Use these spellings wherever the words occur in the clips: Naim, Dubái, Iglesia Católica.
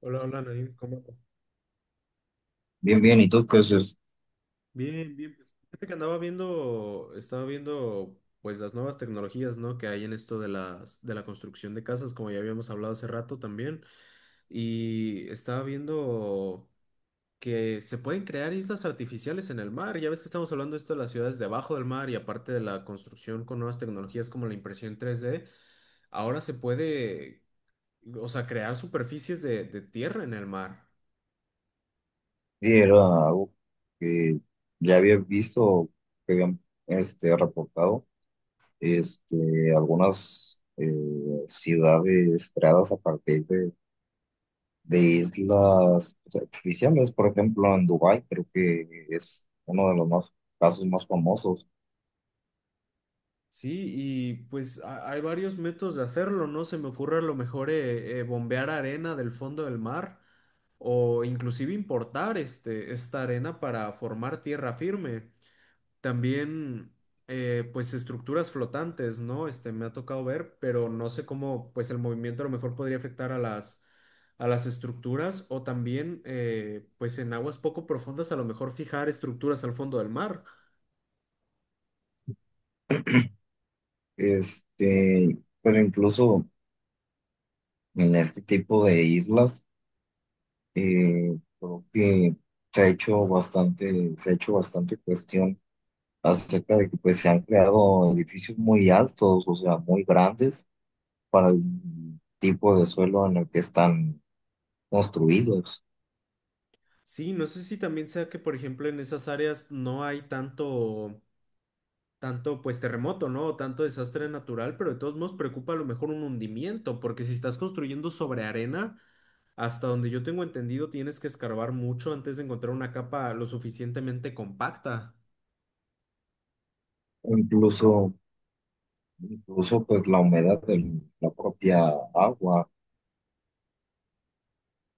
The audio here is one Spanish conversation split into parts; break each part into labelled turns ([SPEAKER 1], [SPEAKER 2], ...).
[SPEAKER 1] Hola, hola, Naim, ¿cómo andas?
[SPEAKER 2] Bien, bien, ¿y tú qué haces?
[SPEAKER 1] Bien, bien. Fíjate que estaba viendo pues las nuevas tecnologías, ¿no? Que hay en esto de la construcción de casas, como ya habíamos hablado hace rato también. Y estaba viendo que se pueden crear islas artificiales en el mar. Ya ves que estamos hablando de esto de las ciudades debajo del mar y aparte de la construcción con nuevas tecnologías como la impresión 3D, ahora se puede, o sea, crear superficies de tierra en el mar.
[SPEAKER 2] Sí, era algo que ya había visto, que habían reportado este, algunas ciudades creadas a partir de islas pues, artificiales, por ejemplo, en Dubái, creo que es uno de los casos más famosos.
[SPEAKER 1] Sí, y pues hay varios métodos de hacerlo, ¿no? Se me ocurre a lo mejor bombear arena del fondo del mar o inclusive importar esta arena para formar tierra firme. También pues estructuras flotantes, ¿no? Este me ha tocado ver, pero no sé cómo pues el movimiento a lo mejor podría afectar a las estructuras o también pues en aguas poco profundas a lo mejor fijar estructuras al fondo del mar.
[SPEAKER 2] Este, pero incluso en este tipo de islas, creo que se ha hecho bastante cuestión acerca de que pues se han creado edificios muy altos, o sea, muy grandes para el tipo de suelo en el que están construidos.
[SPEAKER 1] Sí, no sé si también sea que, por ejemplo, en esas áreas no hay tanto, pues, terremoto, ¿no? O tanto desastre natural, pero de todos modos preocupa a lo mejor un hundimiento, porque si estás construyendo sobre arena, hasta donde yo tengo entendido, tienes que escarbar mucho antes de encontrar una capa lo suficientemente compacta.
[SPEAKER 2] Incluso, incluso pues la humedad de la propia agua,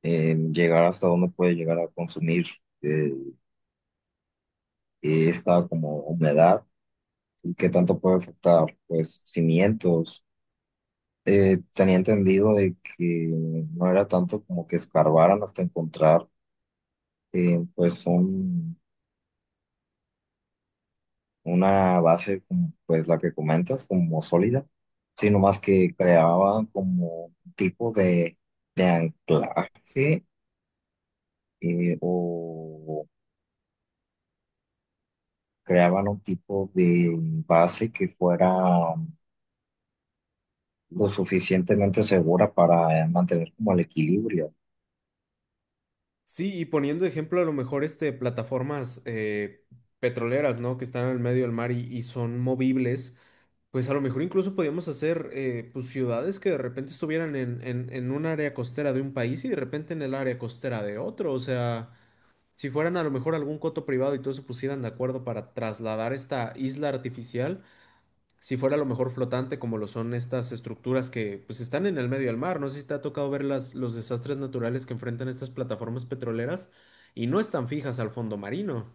[SPEAKER 2] llegar hasta donde puede llegar a consumir eh, esta como humedad y qué tanto puede afectar pues cimientos. Tenía entendido de que no era tanto como que escarbaran hasta encontrar pues un una base como pues la que comentas, como sólida, sino más que creaban como un tipo de anclaje o creaban un tipo de base que fuera lo suficientemente segura para mantener como el equilibrio.
[SPEAKER 1] Sí, y poniendo de ejemplo a lo mejor este plataformas petroleras, ¿no? Que están en el medio del mar y son movibles. Pues a lo mejor incluso podíamos hacer pues ciudades que de repente estuvieran en un área costera de un país y de repente en el área costera de otro. O sea, si fueran a lo mejor algún coto privado y todos se pusieran de acuerdo para trasladar esta isla artificial, si fuera a lo mejor flotante como lo son estas estructuras que pues están en el medio del mar. No sé si te ha tocado ver los desastres naturales que enfrentan estas plataformas petroleras y no están fijas al fondo marino.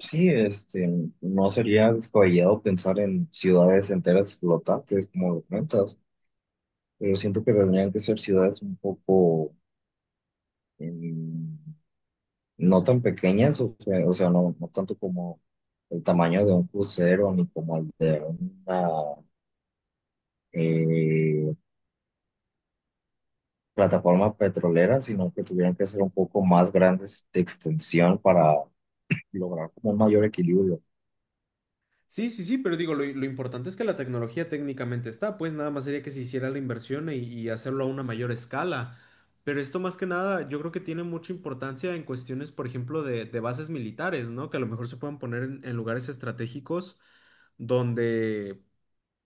[SPEAKER 2] Sí, este, no sería descabellado pensar en ciudades enteras flotantes, como lo comentas, pero siento que tendrían que ser ciudades un poco... em, no tan pequeñas, o sea, no tanto como el tamaño de un crucero ni como el de una eh, plataforma petrolera, sino que tuvieran que ser un poco más grandes de extensión para lograr como un mayor equilibrio.
[SPEAKER 1] Sí, sí, sí, pero digo, lo importante es que la tecnología técnicamente está, pues nada más sería que se hiciera la inversión y hacerlo a una mayor escala. Pero esto más que nada, yo creo que tiene mucha importancia en cuestiones, por ejemplo, de bases militares, ¿no? Que a lo mejor se puedan poner en lugares estratégicos donde,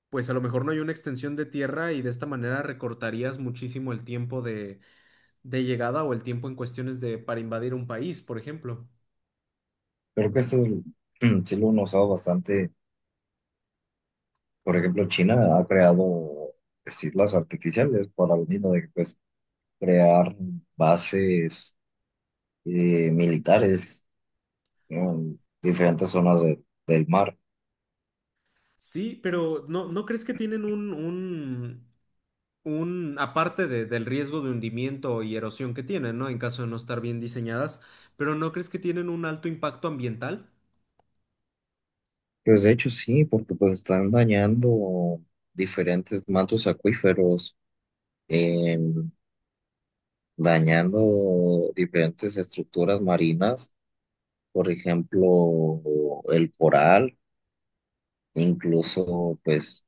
[SPEAKER 1] pues a lo mejor no hay una extensión de tierra y de esta manera recortarías muchísimo el tiempo de llegada o el tiempo en cuestiones de para invadir un país, por ejemplo.
[SPEAKER 2] Creo que esto sí lo han usado bastante. Por ejemplo, China ha creado pues, islas artificiales para lo mismo de que pues, crear bases militares, ¿no? En diferentes del mar.
[SPEAKER 1] Sí, pero ¿no crees que tienen aparte del riesgo de hundimiento y erosión que tienen, ¿no? En caso de no estar bien diseñadas, pero ¿no crees que tienen un alto impacto ambiental?
[SPEAKER 2] Pues de hecho sí, porque pues están dañando diferentes mantos acuíferos, em, dañando diferentes estructuras marinas, por ejemplo, el coral, incluso pues,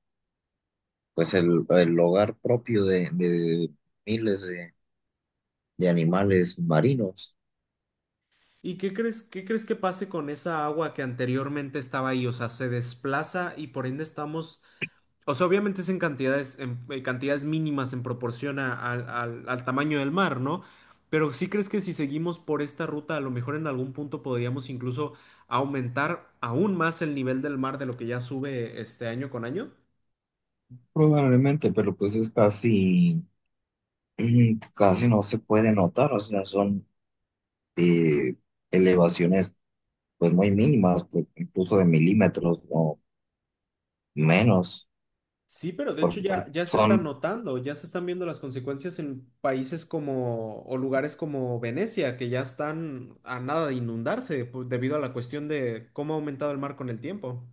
[SPEAKER 2] pues el hogar propio de miles de animales marinos.
[SPEAKER 1] ¿Y qué crees que pase con esa agua que anteriormente estaba ahí? O sea, se desplaza y por ende estamos, o sea, obviamente es en en cantidades mínimas en proporción al tamaño del mar, ¿no? Pero ¿sí crees que si seguimos por esta ruta, a lo mejor en algún punto podríamos incluso aumentar aún más el nivel del mar de lo que ya sube este año con año?
[SPEAKER 2] Probablemente, pero pues casi no se puede notar, o sea, son eh, elevaciones pues muy mínimas, pues incluso de milímetros o menos,
[SPEAKER 1] Sí, pero de hecho
[SPEAKER 2] porque
[SPEAKER 1] ya se está
[SPEAKER 2] son,
[SPEAKER 1] notando, ya se están viendo las consecuencias en países como o lugares como Venecia, que ya están a nada de inundarse debido a la cuestión de cómo ha aumentado el mar con el tiempo.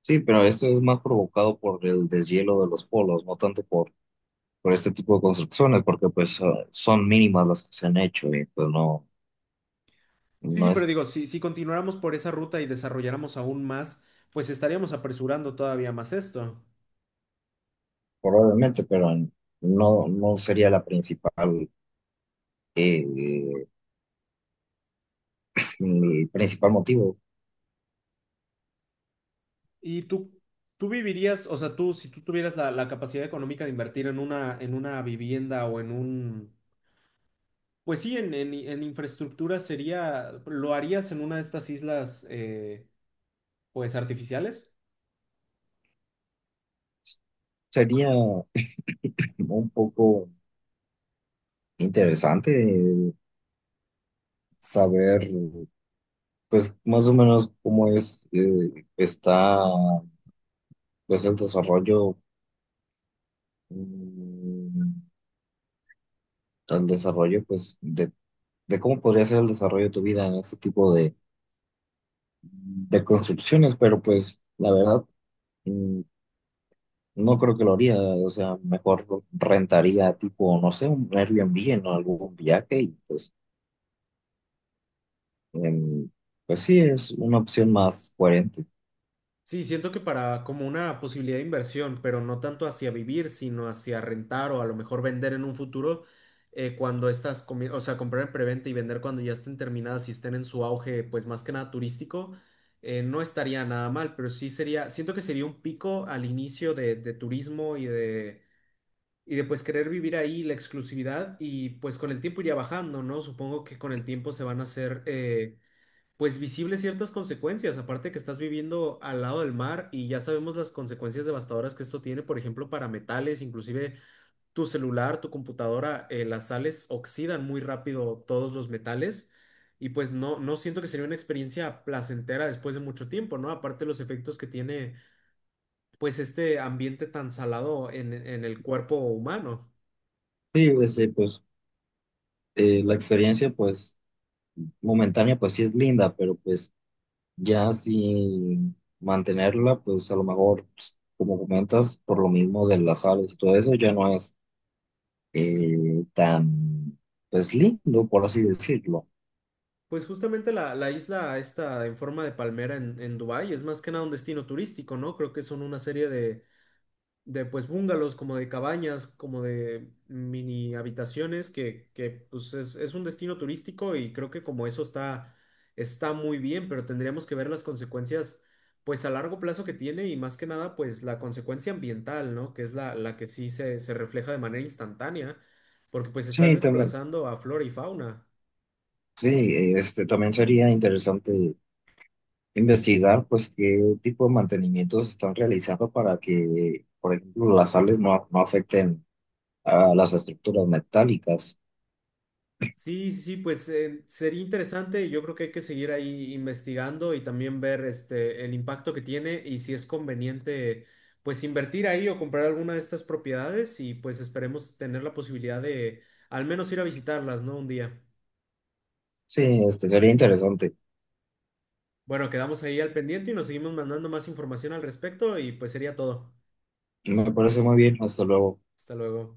[SPEAKER 2] sí, pero esto es más provocado por el deshielo de los polos, no tanto por este tipo de construcciones, porque pues son mínimas las que se han hecho y pues
[SPEAKER 1] Sí, sí,
[SPEAKER 2] no
[SPEAKER 1] pero
[SPEAKER 2] es
[SPEAKER 1] digo, si continuáramos por esa ruta y desarrolláramos aún más, pues estaríamos apresurando todavía más esto.
[SPEAKER 2] probablemente, pero no sería la principal, eh, el principal motivo.
[SPEAKER 1] ¿Y tú, tú vivirías, o sea, tú, si tú tuvieras la capacidad económica de invertir en una vivienda o en un pues sí, en infraestructura sería, ¿lo harías en una de estas islas, pues artificiales?
[SPEAKER 2] Sería un poco interesante saber. Pues más o menos cómo es, está pues el desarrollo, mm, el desarrollo pues de cómo podría ser el desarrollo de tu vida en este tipo de construcciones, pero pues la verdad mm, no creo que lo haría, o sea, mejor lo rentaría tipo, no sé, un Airbnb en algún viaje y pues, em, pues sí, es una opción más coherente.
[SPEAKER 1] Sí, siento que para como una posibilidad de inversión, pero no tanto hacia vivir, sino hacia rentar o a lo mejor vender en un futuro, cuando estas, o sea, comprar en preventa y vender cuando ya estén terminadas y estén en su auge, pues más que nada turístico, no estaría nada mal, pero sí sería, siento que sería un pico al inicio de turismo y de pues querer vivir ahí la exclusividad y pues con el tiempo iría bajando, ¿no? Supongo que con el tiempo se van a hacer pues visibles ciertas consecuencias, aparte que estás viviendo al lado del mar y ya sabemos las consecuencias devastadoras que esto tiene, por ejemplo, para metales, inclusive tu celular, tu computadora, las sales oxidan muy rápido todos los metales. Y pues no, no siento que sería una experiencia placentera después de mucho tiempo, ¿no? Aparte los efectos que tiene pues este ambiente tan salado en el cuerpo humano.
[SPEAKER 2] Sí, pues, la experiencia pues momentánea pues sí es linda, pero pues ya sin mantenerla, pues a lo mejor, pues, como comentas, por lo mismo de las sales y todo eso, ya no es eh, tan, pues lindo, por así decirlo.
[SPEAKER 1] Pues justamente la isla está en forma de palmera en Dubái es más que nada un destino turístico, ¿no? Creo que son una serie de pues bungalows, como de cabañas, como de mini habitaciones, que pues es un destino turístico y creo que como eso está, está muy bien, pero tendríamos que ver las consecuencias pues a largo plazo que tiene y más que nada pues la consecuencia ambiental, ¿no? Que es la que sí se refleja de manera instantánea, porque pues estás
[SPEAKER 2] Sí, también,
[SPEAKER 1] desplazando a flora y fauna.
[SPEAKER 2] sí, este, también sería interesante investigar, pues, qué tipo de mantenimientos están realizando para que, por ejemplo, las sales no afecten a las estructuras metálicas.
[SPEAKER 1] Sí, sí, sí, pues sería interesante. Yo creo que hay que seguir ahí investigando y también ver este, el impacto que tiene y si es conveniente, pues invertir ahí o comprar alguna de estas propiedades y pues esperemos tener la posibilidad de al menos ir a visitarlas, ¿no? Un día.
[SPEAKER 2] Sí, este, sería interesante.
[SPEAKER 1] Bueno, quedamos ahí al pendiente y nos seguimos mandando más información al respecto y pues sería todo.
[SPEAKER 2] Me parece muy bien, hasta luego.
[SPEAKER 1] Hasta luego.